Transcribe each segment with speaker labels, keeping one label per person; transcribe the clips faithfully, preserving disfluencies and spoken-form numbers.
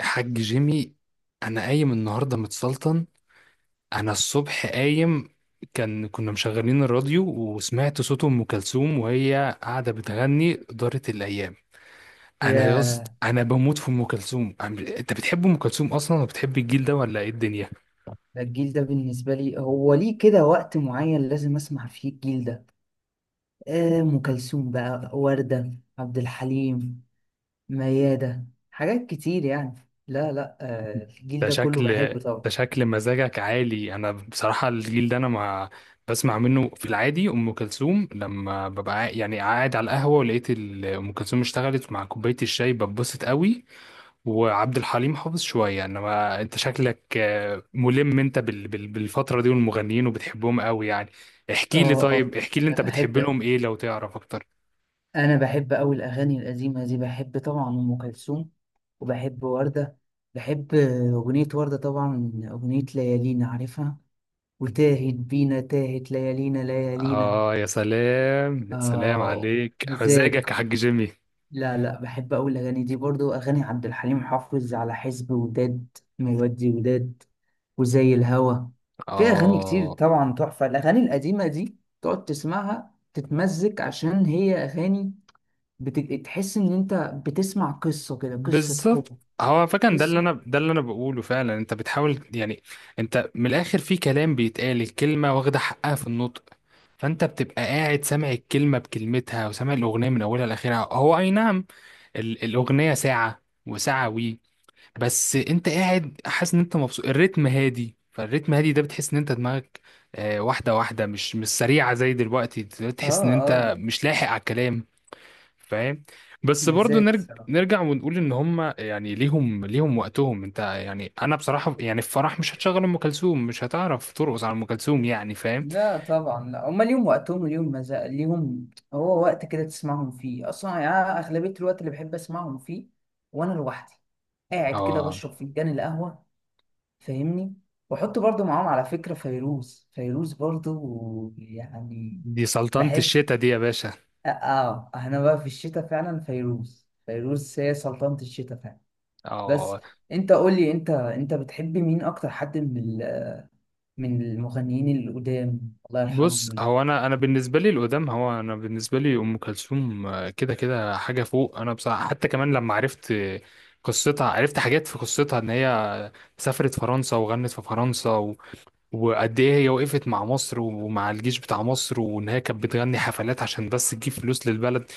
Speaker 1: حاج جيمي، انا قايم النهارده متسلطن. انا الصبح قايم، كان كنا مشغلين الراديو وسمعت صوت ام كلثوم وهي قاعده بتغني دارت الايام. انا يا اسطى،
Speaker 2: يا
Speaker 1: انا بموت في ام كلثوم. أنا- انت بتحب ام كلثوم اصلا وبتحب الجيل ده ولا ايه الدنيا؟
Speaker 2: ده الجيل ده بالنسبة لي، هو ليه كده وقت معين لازم أسمع فيه الجيل ده. آه، أم كلثوم، بقى وردة، عبد الحليم، ميادة، حاجات كتير يعني. لا لا، آه، الجيل
Speaker 1: ده
Speaker 2: ده كله
Speaker 1: شكل
Speaker 2: بحبه طبعا.
Speaker 1: ده شكل مزاجك عالي. انا بصراحه، الجيل ده انا ما بسمع منه في العادي. ام كلثوم لما ببقى قاعد- يعني قاعد على القهوه ولقيت ال- ام كلثوم اشتغلت مع كوبايه الشاي ببسط قوي، وعبد الحليم حافظ شوية. انما انت شكلك آه، ملم انت بال- بال- بالفترة دي والمغنيين وبتحبهم قوي يعني. احكي لي،
Speaker 2: اه اه
Speaker 1: طيب احكي لي،
Speaker 2: أنا
Speaker 1: انت بتحب
Speaker 2: بحب
Speaker 1: لهم ايه لو تعرف اكتر؟
Speaker 2: أنا بحب أوي الأغاني القديمة دي. بحب طبعا أم كلثوم، وبحب وردة. بحب آه، أغنية وردة، طبعا أغنية ليالينا عارفها. وتاهت بينا، تاهت ليالينا ليالينا.
Speaker 1: اه يا سلام، يا سلام
Speaker 2: آه،
Speaker 1: عليك
Speaker 2: مزاج.
Speaker 1: مزاجك يا حاج جيمي.
Speaker 2: لا لا، بحب أقول الأغاني دي برضو، أغاني عبد الحليم حافظ، على حزب وداد، مودي وداد، وزي الهوى. في أغاني كتير
Speaker 1: اه،
Speaker 2: طبعا تحفة، الأغاني القديمة دي تقعد تسمعها تتمزج عشان هي أغاني، بت- تحس إن أنت بتسمع قصة كده، قصة
Speaker 1: بالظبط.
Speaker 2: حب.
Speaker 1: هو فكان ده اللي
Speaker 2: قصة
Speaker 1: انا ده اللي انا بقوله فعلا. انت بتحاول يعني، انت من الاخر في كلام بيتقال الكلمه واخده حقها في النطق، فانت بتبقى قاعد سامع الكلمه بكلمتها وسامع الاغنيه من اولها لاخرها. هو اي نعم، ال- الاغنيه ساعه وساعه وي، بس انت قاعد حاسس ان انت مبسوط. الريتم هادي، فالريتم هادي ده بتحس ان انت دماغك آه، واحده واحده، مش مش سريعه زي دلوقتي.
Speaker 2: آه
Speaker 1: تحس ان
Speaker 2: آه
Speaker 1: انت
Speaker 2: لا.
Speaker 1: مش لاحق على الكلام، فاهم؟ بس برضو
Speaker 2: مزاج
Speaker 1: نرج...
Speaker 2: الصراحة.
Speaker 1: نرجع ونقول ان هم يعني ليهم ليهم وقتهم. انت يعني، انا بصراحه يعني، في فرح مش هتشغل ام كلثوم، مش هتعرف ترقص على ام كلثوم يعني، فاهم؟
Speaker 2: لا طبعا، لا هما ليهم وقتهم وليهم مزاج، ليهم هو وقت كده تسمعهم فيه اصلا يعني. أنا اغلبيه الوقت اللي بحب اسمعهم فيه وانا لوحدي، قاعد كده
Speaker 1: اه،
Speaker 2: بشرب فنجان القهوه، فاهمني. واحط برضو معاهم على فكره فيروز، فيروز برضو يعني
Speaker 1: دي سلطنه
Speaker 2: بحب.
Speaker 1: الشتا دي يا باشا.
Speaker 2: اه آه، انا بقى في الشتاء فعلا، فيروز فيروز هي سلطانة الشتاء فعلا. بس
Speaker 1: اه،
Speaker 2: انت قول لي، انت انت بتحب مين اكتر، حد من ال- من المغنيين القدام، الله
Speaker 1: بص،
Speaker 2: يرحمهم.
Speaker 1: هو انا انا بالنسبه لي القدام، هو انا بالنسبه لي ام كلثوم آه، كده كده حاجه فوق. انا بصراحه حتى كمان لما عرفت قصتها، عرفت حاجات في قصتها ان هي سافرت فرنسا وغنت في فرنسا، وقد ايه هي وقفت مع مصر ومع الجيش بتاع مصر، وان هي كانت بتغني حفلات عشان بس تجيب فلوس للبلد.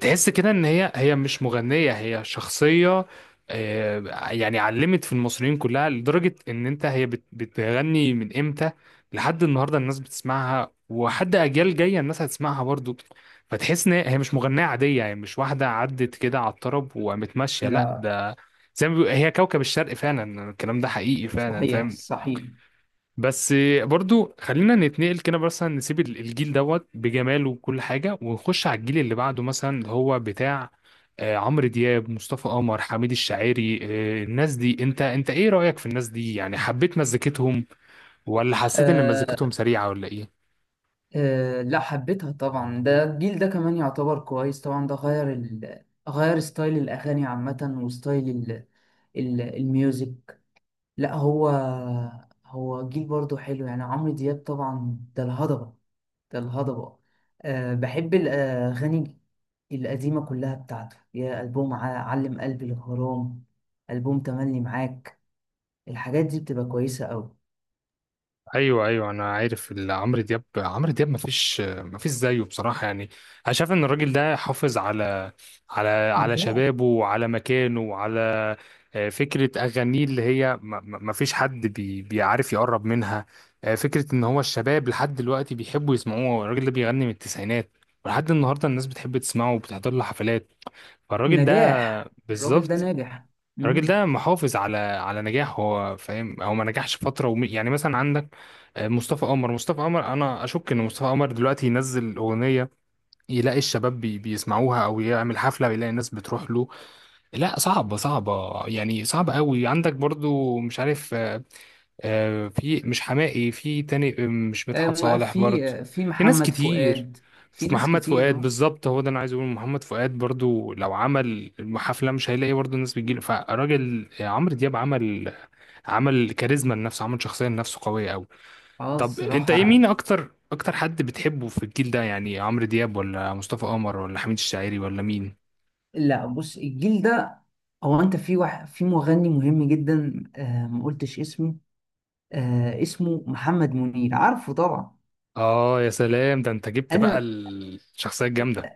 Speaker 1: تحس كده ان هي هي مش مغنية، هي شخصية آه، يعني علمت في المصريين كلها، لدرجة ان انت هي بت- بتغني من امتى لحد النهاردة الناس بتسمعها، وحد اجيال جاية الناس هتسمعها برضو. فتحس ان هي مش مغنية عادية، يعني مش واحدة عدت كده على الطرب وقامت ماشية، لا،
Speaker 2: لا،
Speaker 1: ده زي ما بيقول- هي كوكب الشرق فعلا، الكلام ده حقيقي فعلا،
Speaker 2: صحيح
Speaker 1: فاهم؟
Speaker 2: صحيح.
Speaker 1: بس برضو خلينا نتنقل كده، مثلا نسيب ال- الجيل دوت بجماله وكل حاجة، ونخش على الجيل اللي بعده، مثلا اللي هو بتاع آه، عمرو دياب، مصطفى قمر، حميد الشاعري آه، الناس دي. انت انت ايه رأيك في الناس دي؟ يعني حبيت مزيكتهم، ولا حسيت ان مزيكتهم
Speaker 2: آه
Speaker 1: سريعة، ولا ايه؟
Speaker 2: آه لا، حبيتها طبعا. ده الجيل ده كمان يعتبر كويس طبعا، ده غير ال... غير ستايل الأغاني عامة، وستايل ال... ال... الميوزك. لا هو، هو جيل برضو حلو يعني. عمرو دياب طبعا ده الهضبة، ده الهضبة. آه، بحب الأغاني القديمة كلها بتاعته، يا ألبوم ع- علم قلبي الغرام، ألبوم تملي معاك، الحاجات دي بتبقى كويسة أوي.
Speaker 1: ايوه، ايوه، انا عارف. ال- عمرو دياب عمرو دياب ما فيش ما فيش زيه بصراحه يعني. انا شايف ان الراجل ده حافظ على على على
Speaker 2: نجاة
Speaker 1: شبابه، وعلى مكانه، وعلى آه، فكره اغانيه، اللي هي ما ما- ما فيش حد بي بيعرف يقرب منها آه، فكره ان هو الشباب لحد دلوقتي بيحبوا يسمعوه. الراجل ده بيغني من التسعينات ولحد النهارده الناس بتحب تسمعه وبتحضر له حفلات. فالراجل ده
Speaker 2: نجاح، الراجل ده
Speaker 1: بالظبط،
Speaker 2: ناجح.
Speaker 1: الراجل
Speaker 2: مم.
Speaker 1: ده محافظ على على نجاح، هو فاهم. هو ما نجحش فتره وم... يعني مثلا عندك آه، مصطفى قمر مصطفى قمر انا اشك ان مصطفى قمر دلوقتي ينزل اغنيه يلاقي الشباب بي... بيسمعوها، او يعمل حفله ويلاقي الناس بتروح له. لا، صعبه، صعبه، يعني صعبه قوي. عندك برضو مش عارف آه، آه، في، مش حماقي، في تاني آه، مش
Speaker 2: آه،
Speaker 1: مدحت
Speaker 2: م-
Speaker 1: صالح
Speaker 2: في
Speaker 1: برضه.
Speaker 2: آه، في
Speaker 1: في ناس
Speaker 2: محمد
Speaker 1: كتير،
Speaker 2: فؤاد. في
Speaker 1: في
Speaker 2: ناس
Speaker 1: محمد
Speaker 2: كتير،
Speaker 1: فؤاد.
Speaker 2: اه
Speaker 1: بالظبط، هو ده انا عايز اقول، محمد فؤاد برضه لو عمل حفله مش هيلاقي برضه الناس بتجيله. فالراجل آه، عمرو دياب عمل عمل كاريزما لنفسه، عمل شخصيه لنفسه قويه قوي.
Speaker 2: آه،
Speaker 1: طب انت ايه، مين
Speaker 2: الصراحة.
Speaker 1: اكتر، اكتر حد بتحبه في الجيل ده؟ يعني عمرو دياب، ولا مصطفى قمر، ولا حميد الشاعري، ولا مين؟
Speaker 2: لا بص، الجيل ده هو انت في واحد، في مغني مهم جدا آه ما قلتش اسمه. آه اسمه محمد منير، عارفه طبعا.
Speaker 1: اه يا سلام، ده انت جبت بقى
Speaker 2: انا
Speaker 1: الشخصيه الجامده.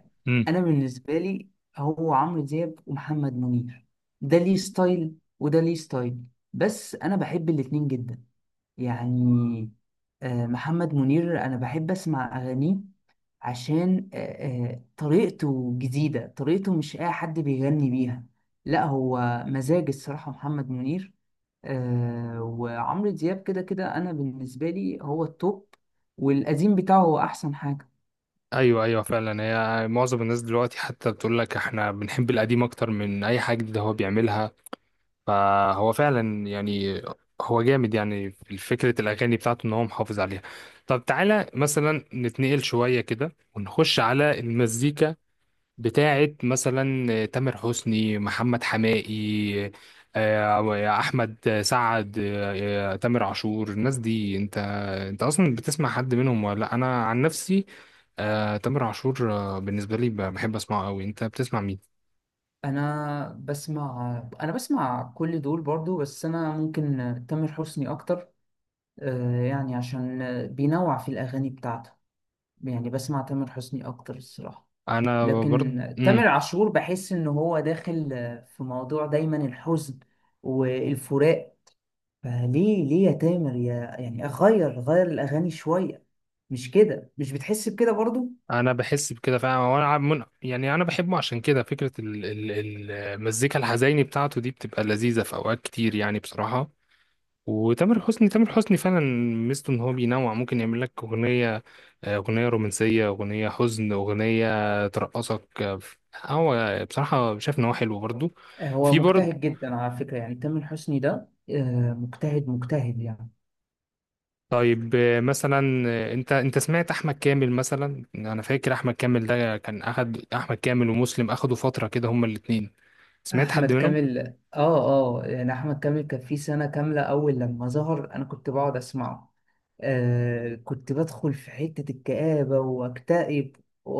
Speaker 2: انا بالنسبة لي هو عمرو دياب ومحمد منير. ده ليه ستايل، وده ليه ستايل، بس انا بحب الاتنين جدا يعني. آه، محمد منير أنا بحب أسمع أغانيه، عشان آه، آه، طريقته جديدة، طريقته مش أي حد بيغني بيها. لا هو مزاج الصراحة محمد منير. آه، وعمرو دياب كده كده أنا بالنسبة لي هو التوب، والقديم بتاعه هو أحسن حاجة.
Speaker 1: ايوه، ايوه، فعلا. هي معظم الناس دلوقتي حتى بتقول لك احنا بنحب القديم اكتر من اي حاجه جديده هو بيعملها، فهو فعلا يعني هو جامد، يعني في فكره الاغاني بتاعته ان هو محافظ عليها. طب تعالى مثلا نتنقل شويه كده ونخش على المزيكا بتاعت مثلا تامر حسني، محمد حماقي آه، احمد سعد آه، آه، تامر عاشور، الناس دي. انت انت اصلا بتسمع حد منهم ولا لا؟ انا عن نفسي آه، تامر عاشور آه، بالنسبه لي ب- بحب اسمعه قوي. انت بتسمع مين؟
Speaker 2: أنا بسمع أنا بسمع كل دول برضو، بس أنا ممكن تامر حسني أكتر، آه، يعني عشان بينوع في الأغاني بتاعته. يعني بسمع تامر حسني اكتر الصراحه،
Speaker 1: انا
Speaker 2: لكن
Speaker 1: برضه
Speaker 2: تامر
Speaker 1: امم
Speaker 2: عاشور بحس ان هو داخل في موضوع دايما الحزن والفراق. فليه ليه يا تامر يا، يعني اغير غير الاغاني شويه، مش كده؟ مش بتحس بكده برضو؟
Speaker 1: انا بحس بكده فعلا، وانا عم- من... يعني انا بحبه عشان كده. فكره ال- ال- المزيكا الحزيني بتاعته دي بتبقى لذيذه في اوقات كتير يعني بصراحه. وتامر حسني، تامر حسني فعلا ميزته ان هو بينوع، ممكن يعمل لك اغنيه آه، اغنيه رومانسيه، اغنيه حزن، اغنيه ترقصك آه، هو بصراحه شايف ان هو حلو برضو،
Speaker 2: آه، هو
Speaker 1: في برضو.
Speaker 2: مجتهد جدا على فكره، يعني تامر حسني ده آه، مجتهد مجتهد يعني.
Speaker 1: طيب آه، مثلا آه، انت انت سمعت احمد كامل مثلا؟ انا فاكر احمد كامل ده كان اخد، احمد كامل ومسلم اخدوا فتره كده هما الاتنين. سمعت حد
Speaker 2: احمد
Speaker 1: منهم؟
Speaker 2: كامل، اه اه، يعني احمد كامل كان في سنه كامله اول لما ظهر، انا كنت بقعد اسمعه. آه كنت بدخل في حته الكآبه واكتئب و-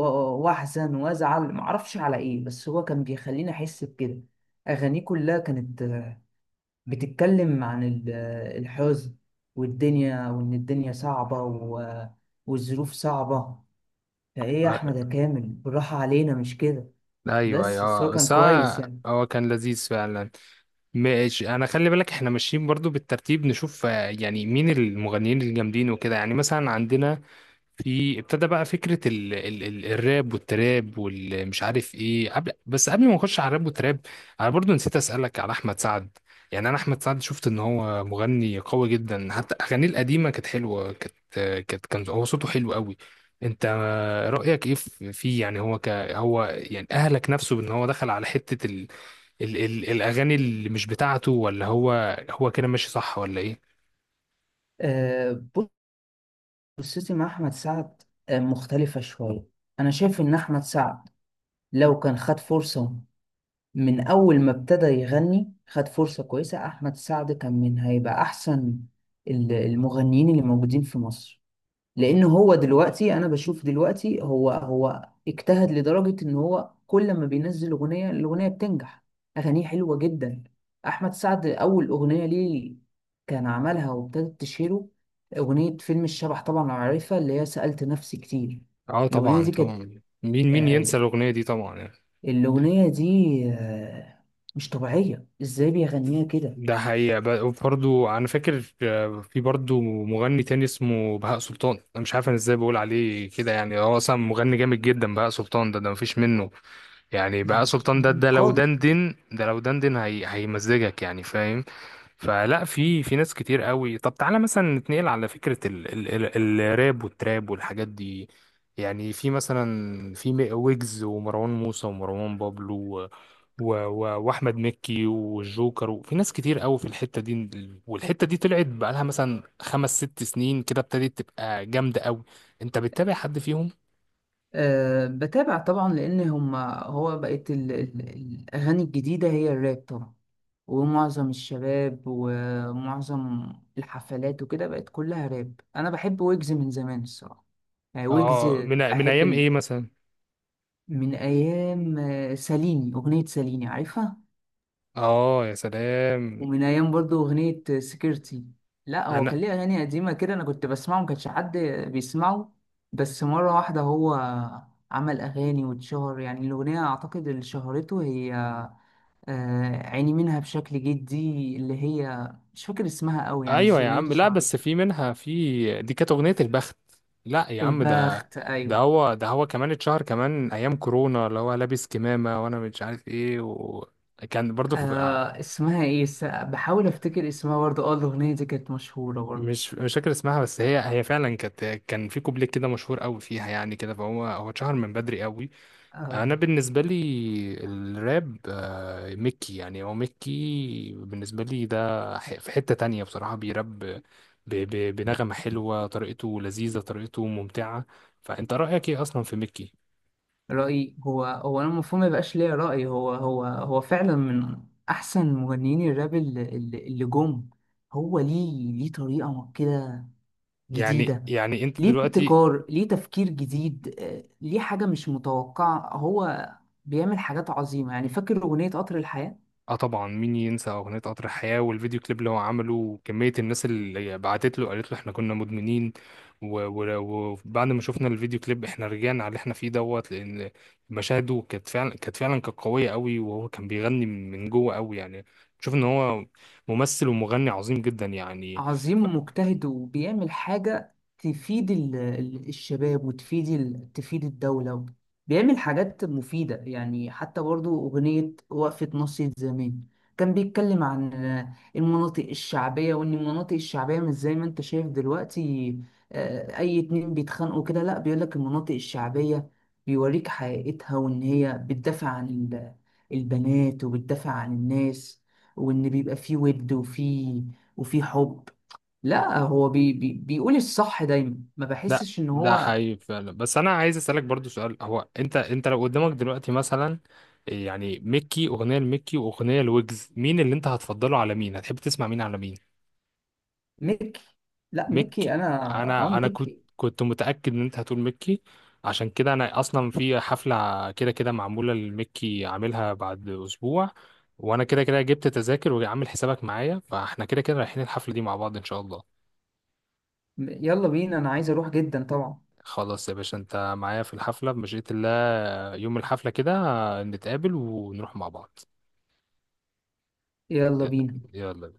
Speaker 2: واحزن وازعل، معرفش على ايه، بس هو كان بيخليني احس بكده. اغانيه كلها كانت آه، بتتكلم عن ال- آه، الحزن والدنيا، وان الدنيا صعبه و- والظروف صعبه. فايه يا احمد
Speaker 1: آه،
Speaker 2: يا كامل، بالراحه علينا، مش كده؟
Speaker 1: ايوه، ايوه
Speaker 2: بس بس هو
Speaker 1: آه،
Speaker 2: كان
Speaker 1: بس
Speaker 2: كويس
Speaker 1: هو
Speaker 2: يعني.
Speaker 1: هو كان لذيذ فعلا. ماشي، انا خلي بالك احنا ماشيين برضو بالترتيب، نشوف آه، يعني مين المغنيين الجامدين وكده. يعني مثلا عندنا، في ابتدى بقى فكرة ال ال ال الراب والتراب والمش عارف ايه، قبل، بس قبل ما نخش على الراب والتراب انا برضو نسيت اسألك على احمد سعد. يعني انا احمد سعد شفت ان هو مغني قوي جدا، حتى اغانيه القديمة كانت حلوة، كانت كانت كان هو صوته حلو قوي. انت رأيك ايه في- فيه؟ يعني هو ك هو يعني اهلك نفسه بان هو دخل على حتة ال ال الاغاني اللي مش بتاعته، ولا هو هو كده ماشي صح، ولا ايه؟
Speaker 2: آه، قصتي مع أحمد سعد آه، مختلفة شوية. أنا شايف إن أحمد سعد لو كان خد فرصة، من أول ما ابتدى يغني خد فرصة كويسة، أحمد سعد كان من هيبقى أحسن ال- المغنيين اللي موجودين في مصر. لان هو دلوقتي انا بشوف دلوقتي، هو هو اجتهد لدرجة ان هو كل ما بينزل اغنية الاغنية بتنجح. اغانيه حلوة جدا. احمد سعد اول اغنية ليه كان عملها وابتدت تشهره اغنية فيلم الشبح، طبعا عارفها، اللي هي سألت نفسي كتير.
Speaker 1: اه،
Speaker 2: الاغنية
Speaker 1: طبعا،
Speaker 2: دي كانت
Speaker 1: طبعا، مين مين ينسى
Speaker 2: آه،
Speaker 1: الاغنيه دي طبعا يعني.
Speaker 2: الاغنية دي آه، مش طبيعية، ازاي بيغنيها كده.
Speaker 1: ده حقيقه. برضه انا فاكر آه، في برضه مغني تاني اسمه بهاء سلطان. انا مش عارف انا ازاي بقول عليه كده يعني، هو اصلا مغني جامد جدا. بهاء سلطان ده ده مفيش منه. يعني
Speaker 2: ما
Speaker 1: بهاء
Speaker 2: فيش
Speaker 1: سلطان ده،
Speaker 2: منه
Speaker 1: ده لو
Speaker 2: خالص.
Speaker 1: دندن ده لو دندن هي هيمزجك يعني، فاهم؟ فلا، في في ناس كتير قوي. طب تعالى مثلا نتنقل على فكرة ال ال ال الراب والتراب والحاجات دي. يعني في مثلا، في م- ويجز، ومروان موسى، ومروان بابلو، و و و واحمد مكي، والجوكر، وفي ناس كتير قوي في الحتة دي. والحتة دي طلعت بقالها مثلا خمس ست سنين كده ابتدت تبقى جامدة قوي. انت بتتابع حد فيهم؟
Speaker 2: أه بتابع طبعا، لان هم هو بقت ال- ال- الاغاني الجديده هي الراب طبعا، ومعظم الشباب ومعظم الحفلات وكده بقت كلها راب. انا بحب ويجز من زمان الصراحه، يعني ويجز
Speaker 1: اه، من من
Speaker 2: بحب
Speaker 1: ايام
Speaker 2: ال...
Speaker 1: ايه مثلا؟
Speaker 2: من ايام آه، ساليني، اغنيه ساليني عارفها.
Speaker 1: اه يا سلام.
Speaker 2: ومن ايام برضو اغنيه سكيورتي. لا هو
Speaker 1: انا،
Speaker 2: كان ليه اغاني قديمه كده، انا كنت بسمعه، ما كانش حد بيسمعه. بس مره واحده هو عمل اغاني واتشهر، يعني الاغنيه اعتقد اللي شهرته هي آه، عيني منها بشكل جدي، اللي هي مش فاكر اسمها قوي يعني، بس
Speaker 1: ايوه يا
Speaker 2: الاغنيه دي
Speaker 1: عم. لا
Speaker 2: شهرته.
Speaker 1: بس في منها، في دي كانت اغنيه البخت. لا يا عم، ده
Speaker 2: البخت،
Speaker 1: ده
Speaker 2: ايوه.
Speaker 1: هو ده هو كمان اتشهر كمان ايام كورونا، اللي هو لابس كمامه وانا مش عارف ايه، وكان برضو في آه،
Speaker 2: آه اسمها ايه؟ س- بحاول افتكر اسمها برضه، اه الاغنيه دي كانت مشهوره برضه.
Speaker 1: مش مش فاكر اسمها. بس هي هي فعلا كانت كان في كوبليه كده مشهور قوي فيها يعني كده. فهو هو اتشهر من بدري قوي.
Speaker 2: آه
Speaker 1: انا بالنسبه لي الراب آه، ميكي، يعني هو ميكي بالنسبه لي ده، ح- في حته تانية بصراحه. بيراب ب- ب- بنغمه حلوه، طريقته لذيذه، طريقته ممتعه. فانت رايك ايه اصلا في ميكي؟
Speaker 2: رأيي هو هو أنا المفروض ما يبقاش ليا رأي. هو هو هو فعلا من أحسن مغنيين الراب اللي, اللي اللي جم. هو ليه ليه طريقة كده
Speaker 1: يعني
Speaker 2: جديدة،
Speaker 1: يعني انت
Speaker 2: ليه
Speaker 1: دلوقتي،
Speaker 2: ابتكار، ليه تفكير جديد، آه، ليه حاجة مش متوقعة. هو بيعمل حاجات عظيمة يعني، فاكر أغنية قطر الحياة.
Speaker 1: اه، طبعا، مين ينسى اغنيه قطر الحياه والفيديو كليب اللي هو عمله، وكميه الناس اللي بعتت له قالت له احنا كنا مدمنين، و- و- وبعد ما شفنا الفيديو كليب احنا رجعنا على اللي احنا فيه دوت. لان مشاهده كانت فعلا كانت فعلا كانت قويه قوي، وهو كان بيغني من جوه قوي يعني. شوف ان هو ممثل ومغني عظيم جدا يعني.
Speaker 2: عظيم ومجتهد وبيعمل حاجة تفيد ال- ال- الشباب، وتفيد ال- تفيد الدولة. بيعمل حاجات مفيدة يعني، حتى برضو أغنية وقفة ناصية زمان، كان بيتكلم عن المناطق الشعبية، وإن المناطق الشعبية مش زي ما أنت شايف دلوقتي. آه، أي اتنين بيتخانقوا كده. لأ، بيقولك المناطق الشعبية بيوريك حقيقتها، وإن هي بتدافع عن ال- البنات، وبتدافع عن الناس، وإن بيبقى فيه ود، وفيه وفي حب. لا هو بي بي بيقول الصح دايما، ما
Speaker 1: لا،
Speaker 2: بحسش ان
Speaker 1: ده
Speaker 2: هو.
Speaker 1: حقيقي فعلا. بس انا عايز اسالك برضو سؤال، هو انت انت لو قدامك دلوقتي مثلا يعني ميكي، اغنيه لميكي واغنيه لويجز، مين اللي انت هتفضله على مين؟ هتحب تسمع مين على مين؟
Speaker 2: ميكي. لا ميكي
Speaker 1: ميكي.
Speaker 2: انا، اه
Speaker 1: انا انا كنت
Speaker 2: ميكي.
Speaker 1: كنت متاكد ان انت هتقول ميكي. عشان كده انا اصلا في حفله كده كده معموله لميكي عاملها بعد اسبوع، وانا كده كده جبت تذاكر وعامل حسابك معايا، فاحنا كده كده رايحين الحفله دي مع بعض ان شاء الله.
Speaker 2: يلا بينا، انا عايز اروح جدا طبعا.
Speaker 1: خلاص يا باشا، انت معايا في الحفلة بمشيئة الله. يوم الحفلة كده نتقابل ونروح مع بعض.
Speaker 2: يلا بينا.
Speaker 1: يلا.